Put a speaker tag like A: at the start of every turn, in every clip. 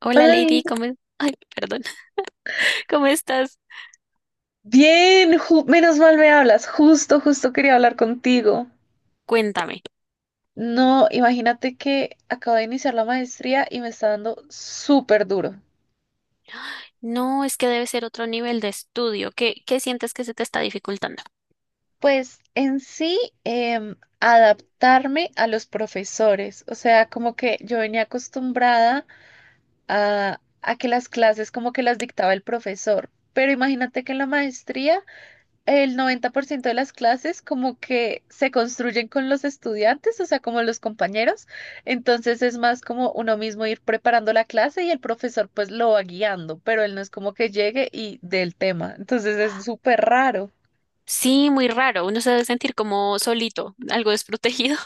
A: Hola
B: Hola,
A: Lady, ¿cómo es- Ay, perdón. ¿Cómo estás?
B: menos mal me hablas, justo quería hablar contigo.
A: Cuéntame.
B: No, imagínate que acabo de iniciar la maestría y me está dando súper duro.
A: No, es que debe ser otro nivel de estudio. ¿Qué sientes que se te está dificultando?
B: Pues en sí, adaptarme a los profesores, o sea, como que yo venía acostumbrada a que las clases como que las dictaba el profesor, pero imagínate que en la maestría el 90% de las clases como que se construyen con los estudiantes, o sea, como los compañeros. Entonces es más como uno mismo ir preparando la clase y el profesor pues lo va guiando, pero él no es como que llegue y dé el tema. Entonces es súper raro.
A: Sí, muy raro. Uno se debe sentir como solito, algo desprotegido.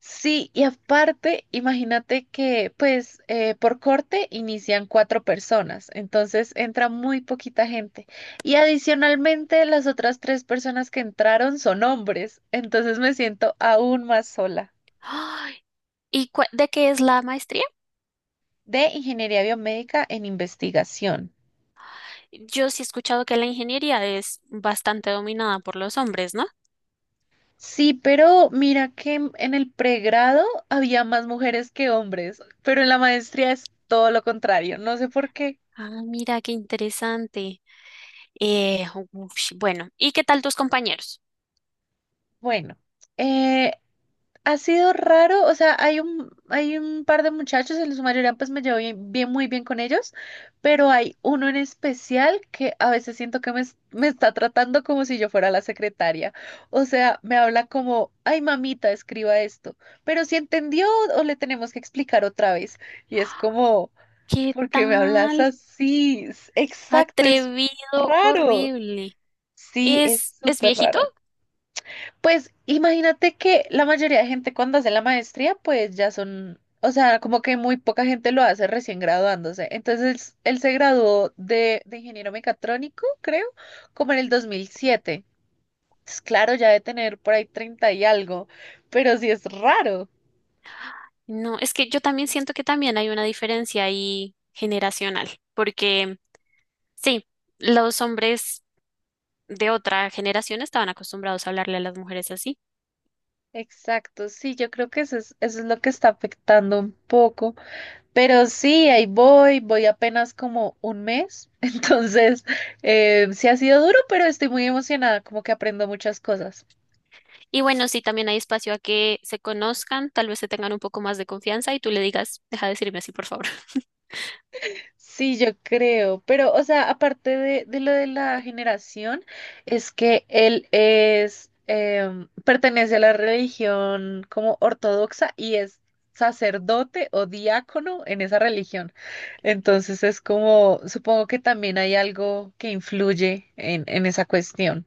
B: Sí, y aparte, imagínate que pues por corte inician cuatro personas, entonces entra muy poquita gente. Y adicionalmente las otras tres personas que entraron son hombres, entonces me siento aún más sola.
A: Ay, ¿Y cua- de qué es la maestría?
B: De ingeniería biomédica en investigación.
A: Yo sí he escuchado que la ingeniería es bastante dominada por los hombres, ¿no?
B: Sí, pero mira que en el pregrado había más mujeres que hombres, pero en la maestría es todo lo contrario. No sé por qué.
A: Ah, mira, qué interesante. Eh, ush, bueno, ¿y qué tal tus compañeros?
B: Bueno, eh, ha sido raro, o sea, hay un par de muchachos, en su mayoría pues me llevo bien, muy bien con ellos, pero hay uno en especial que a veces siento que me está tratando como si yo fuera la secretaria. O sea, me habla como, ay mamita, escriba esto, pero si entendió o le tenemos que explicar otra vez. Y es como,
A: ¿Qué
B: ¿por qué me hablas
A: tal?
B: así? Exacto, es
A: Atrevido,
B: raro.
A: horrible.
B: Sí, es
A: ¿Es
B: súper
A: viejito?
B: raro. Pues imagínate que la mayoría de gente cuando hace la maestría, pues ya son, o sea, como que muy poca gente lo hace recién graduándose. Entonces, él se graduó de ingeniero mecatrónico, creo, como en el 2007. Entonces, claro, ya de tener por ahí 30 y algo, pero sí es raro.
A: No, es que yo también siento que también hay una diferencia ahí generacional, porque sí, los hombres de otra generación estaban acostumbrados a hablarle a las mujeres así.
B: Exacto, sí, yo creo que eso es lo que está afectando un poco. Pero sí, ahí voy apenas como un mes, entonces sí ha sido duro, pero estoy muy emocionada, como que aprendo muchas cosas.
A: Y bueno, sí, también hay espacio a que se conozcan, tal vez se tengan un poco más de confianza y tú le digas, deja de decirme así, por favor.
B: Sí, yo creo, pero o sea, aparte de lo de la generación, es que él es, pertenece a la religión como ortodoxa y es sacerdote o diácono en esa religión. Entonces es como, supongo que también hay algo que influye en esa cuestión.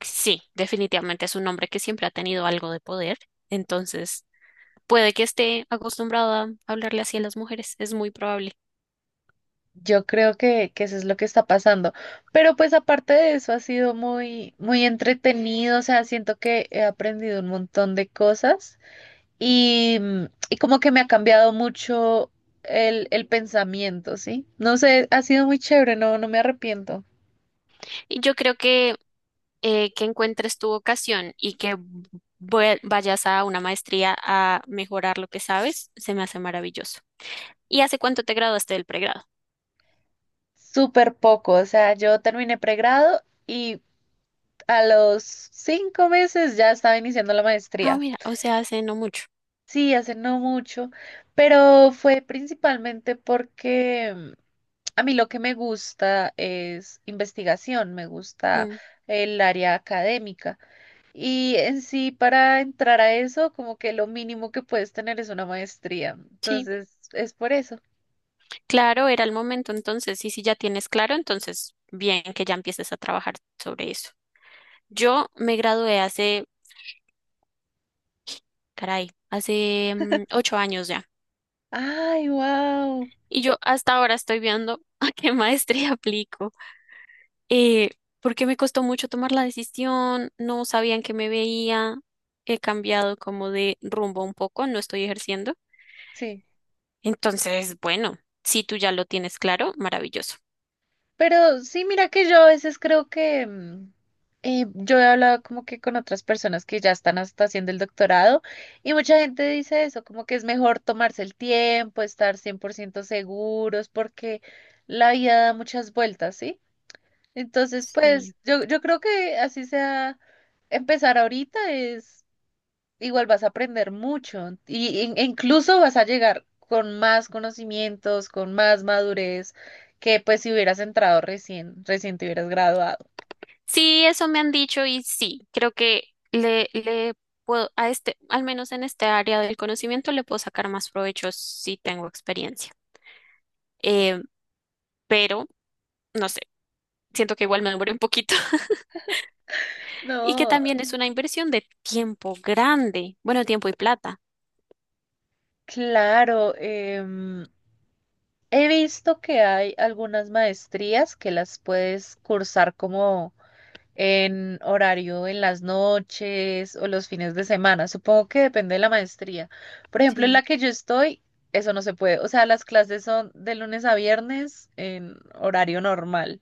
A: Sí, definitivamente es un hombre que siempre ha tenido algo de poder, entonces puede que esté acostumbrado a hablarle así a las mujeres, es muy probable.
B: Yo creo que eso es lo que está pasando. Pero pues aparte de eso ha sido muy, muy entretenido. O sea, siento que he aprendido un montón de cosas y, y como que me ha cambiado mucho el pensamiento, ¿sí? No sé, ha sido muy chévere, no, no me arrepiento.
A: Y yo creo que encuentres tu vocación y que vue- vayas a una maestría a mejorar lo que sabes, se me hace maravilloso. ¿Y hace cuánto te graduaste del pregrado?
B: Súper poco. O sea, yo terminé pregrado y a los cinco meses ya estaba iniciando la
A: Ah,
B: maestría.
A: mira, o sea, hace no mucho.
B: Sí, hace no mucho, pero fue principalmente porque a mí lo que me gusta es investigación, me gusta
A: Ujú.
B: el área académica. Y en sí, para entrar a eso, como que lo mínimo que puedes tener es una maestría.
A: Sí,
B: Entonces, es por eso.
A: claro, era el momento entonces, y si ya tienes claro, entonces bien que ya empieces a trabajar sobre eso. Yo me gradué hace caray, hace 8 años ya.
B: Ay, wow.
A: Y yo hasta ahora estoy viendo a qué maestría aplico. Eh, Porque me costó mucho tomar la decisión, no sabían que me veía, he cambiado como de rumbo un poco, no estoy ejerciendo.
B: Sí.
A: Entonces, bueno, si tú ya lo tienes claro, maravilloso.
B: Pero sí, mira que yo a veces creo que yo he hablado como que con otras personas que ya están hasta haciendo el doctorado y mucha gente dice eso, como que es mejor tomarse el tiempo, estar 100% seguros porque la vida da muchas vueltas, ¿sí? Entonces,
A: Sí.
B: pues yo creo que así sea, empezar ahorita es igual vas a aprender mucho y, e incluso vas a llegar con más conocimientos, con más madurez que pues si hubieras entrado recién te hubieras graduado.
A: Sí, eso me han dicho y sí, creo que le puedo, a este, al menos en este área del conocimiento, le puedo sacar más provecho si tengo experiencia. Eh, pero, no sé. Siento que igual me demoré un poquito. Y que
B: No,
A: también es una inversión de tiempo grande, bueno, tiempo y plata.
B: claro, he visto que hay algunas maestrías que las puedes cursar como en horario en las noches o los fines de semana. Supongo que depende de la maestría. Por ejemplo, en la
A: Sí.
B: que yo estoy, eso no se puede. O sea, las clases son de lunes a viernes en horario normal.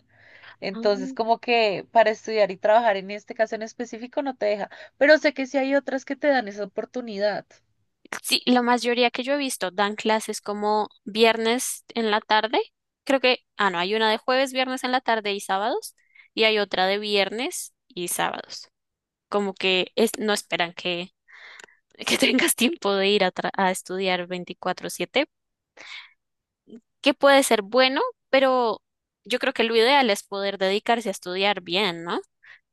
A: Ah,
B: Entonces,
A: mira.
B: como que para estudiar y trabajar en este caso en específico no te deja. Pero sé que sí hay otras que te dan esa oportunidad.
A: Sí, la mayoría que yo he visto dan clases como viernes en la tarde. Creo que, ah, no, hay una de jueves, viernes en la tarde y sábados, y hay otra de viernes y sábados. Como que es, no esperan que que tengas tiempo de ir a, tra- a estudiar 24/7. Que puede ser bueno, pero yo creo que lo ideal es poder dedicarse a estudiar bien, ¿no?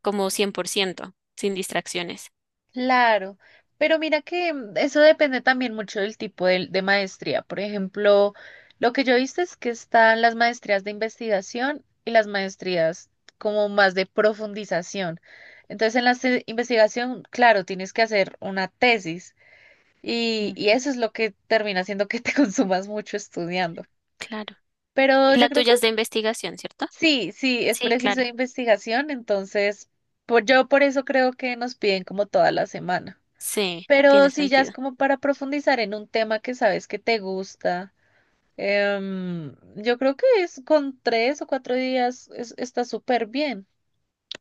A: Como 100%, sin distracciones.
B: Claro, pero mira que eso depende también mucho del tipo de maestría. Por ejemplo, lo que yo viste es que están las maestrías de investigación y las maestrías como más de profundización. Entonces, en la investigación, claro, tienes que hacer una tesis y eso es lo que termina haciendo que te consumas mucho estudiando.
A: Claro.
B: Pero
A: Y
B: yo
A: la
B: creo que
A: tuya es de investigación, ¿cierto?
B: sí, sí, es
A: Sí,
B: preciso
A: claro.
B: de investigación, entonces yo por eso creo que nos piden como toda la semana.
A: Sí, tiene
B: Pero si ya es
A: sentido.
B: como para profundizar en un tema que sabes que te gusta, yo creo que es con tres o cuatro días está súper bien.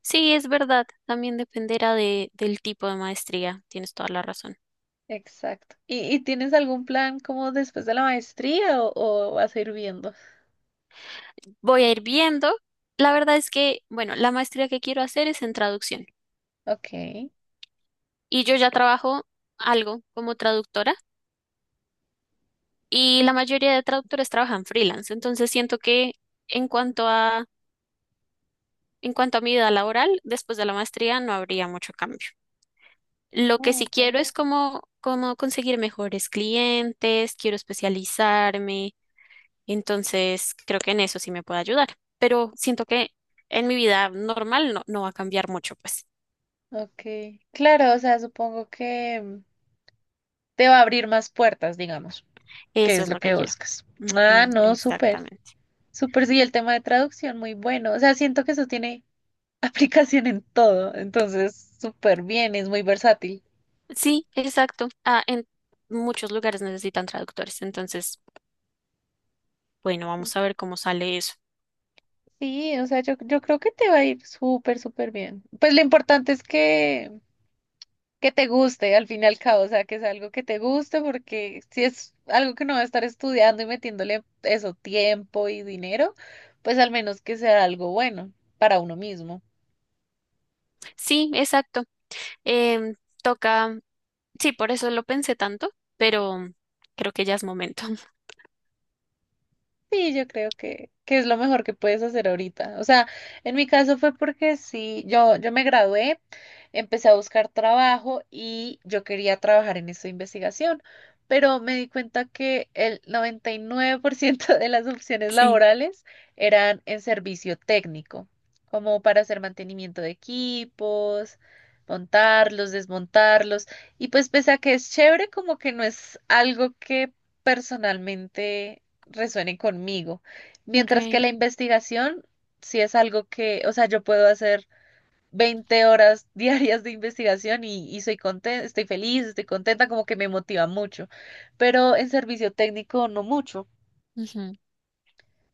A: Sí, es verdad. También dependerá de, del tipo de maestría. Tienes toda la razón.
B: Exacto. Y tienes algún plan como después de la maestría o vas a ir viendo?
A: Voy a ir viendo. La verdad es que, bueno, la maestría que quiero hacer es en traducción.
B: Ok.
A: Y yo ya trabajo algo como traductora y la mayoría de traductores trabajan freelance. Entonces siento que en cuanto a, en cuanto a mi vida laboral, después de la maestría no habría mucho cambio. Lo que
B: Oh,
A: sí
B: ok.
A: quiero es como, como conseguir mejores clientes, quiero especializarme, entonces creo que en eso sí me puede ayudar, pero siento que en mi vida normal no, no va a cambiar mucho, pues
B: Ok. Claro, o sea, supongo que te va a abrir más puertas, digamos, que
A: eso
B: es
A: es
B: lo
A: lo
B: que
A: que quiero.
B: buscas. Ah,
A: Ujú,
B: no, súper,
A: exactamente.
B: súper, sí, el tema de traducción, muy bueno. O sea, siento que eso tiene aplicación en todo, entonces súper bien, es muy versátil.
A: Sí, exacto. Ah, en muchos lugares necesitan traductores, entonces bueno, vamos a ver cómo sale eso.
B: Sí, o sea, yo creo que te va a ir súper, súper bien. Pues lo importante es que te guste al fin y al cabo, o sea, que es algo que te guste, porque si es algo que no va a estar estudiando y metiéndole eso, tiempo y dinero, pues al menos que sea algo bueno para uno mismo.
A: Sí, exacto. Em, Toca, sí, por eso lo pensé tanto, pero creo que ya es momento.
B: Sí, yo creo que es lo mejor que puedes hacer ahorita. O sea, en mi caso fue porque sí, yo me gradué, empecé a buscar trabajo y yo quería trabajar en esta investigación, pero me di cuenta que el 99% de las opciones
A: Sí,
B: laborales eran en servicio técnico, como para hacer mantenimiento de equipos, montarlos, desmontarlos. Y pues pese a que es chévere, como que no es algo que personalmente resuene conmigo. Mientras que
A: ok.
B: la investigación sí es algo que, o sea, yo puedo hacer 20 horas diarias de investigación y soy contenta, estoy feliz, estoy contenta, como que me motiva mucho, pero en servicio técnico no mucho.
A: Ujú.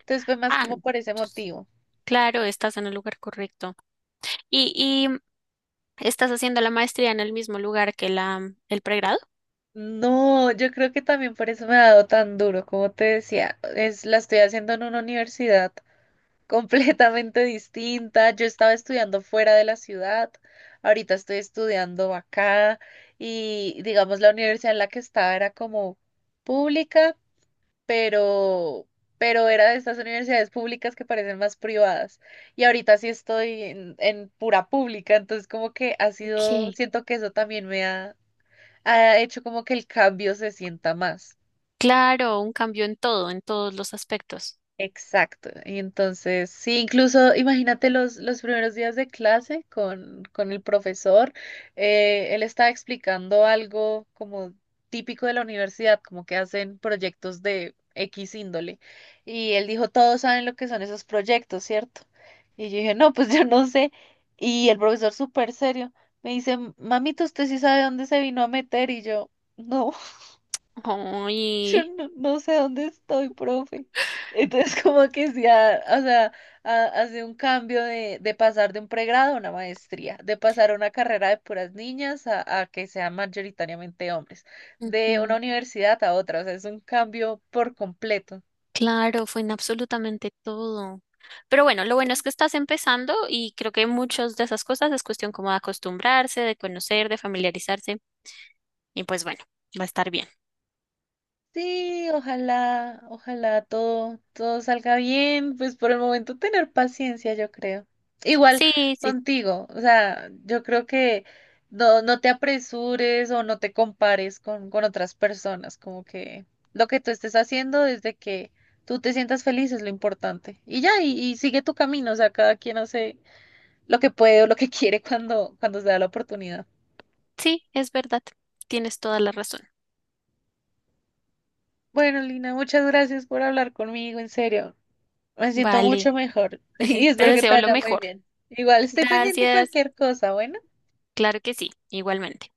B: Entonces fue más
A: Ah,
B: como
A: no,
B: por ese
A: entonces,
B: motivo.
A: claro, estás en el lugar correcto. Y estás haciendo la maestría en el mismo lugar que la, el pregrado.
B: No, yo creo que también por eso me ha dado tan duro, como te decía, es la estoy haciendo en una universidad completamente distinta. Yo estaba estudiando fuera de la ciudad, ahorita estoy estudiando acá y digamos la universidad en la que estaba era como pública, pero era de estas universidades públicas que parecen más privadas. Y ahorita sí estoy en pura pública, entonces como que ha sido,
A: Ok.
B: siento que eso también me ha, ha hecho como que el cambio se sienta más.
A: Claro, un cambio en todo, en todos los aspectos.
B: Exacto. Y entonces, sí, incluso imagínate los primeros días de clase con el profesor. Él estaba explicando algo como típico de la universidad, como que hacen proyectos de X índole. Y él dijo, todos saben lo que son esos proyectos, ¿cierto? Y yo dije, no, pues yo no sé. Y el profesor súper serio me dice, mamita, ¿usted sí sabe dónde se vino a meter? Y yo, no. Yo
A: Ay,
B: no sé dónde estoy, profe. Entonces, como que sí, o sea, hace un cambio de pasar de un pregrado a una maestría, de pasar a una carrera de puras niñas a que sean mayoritariamente hombres, de una
A: ujú.
B: universidad a otra, o sea, es un cambio por completo.
A: Claro, fue en absolutamente todo. Pero bueno, lo bueno es que estás empezando y creo que muchas de esas cosas es cuestión como de acostumbrarse, de conocer, de familiarizarse y pues bueno, va a estar bien.
B: Sí, ojalá, ojalá todo, todo salga bien, pues por el momento tener paciencia, yo creo. Igual
A: Sí, sí,
B: contigo, o sea, yo creo que no, no te apresures o no te compares con otras personas, como que lo que tú estés haciendo desde que tú te sientas feliz es lo importante. Y sigue tu camino, o sea, cada quien hace lo que puede o lo que quiere cuando se da la oportunidad.
A: sí, es verdad. Tienes toda la razón.
B: Bueno, Lina, muchas gracias por hablar conmigo, en serio. Me siento
A: Vale.
B: mucho mejor y
A: Te
B: espero que te
A: deseo lo
B: vaya muy
A: mejor.
B: bien. Igual estoy pendiente de
A: Gracias.
B: cualquier cosa, bueno.
A: Claro que sí, igualmente.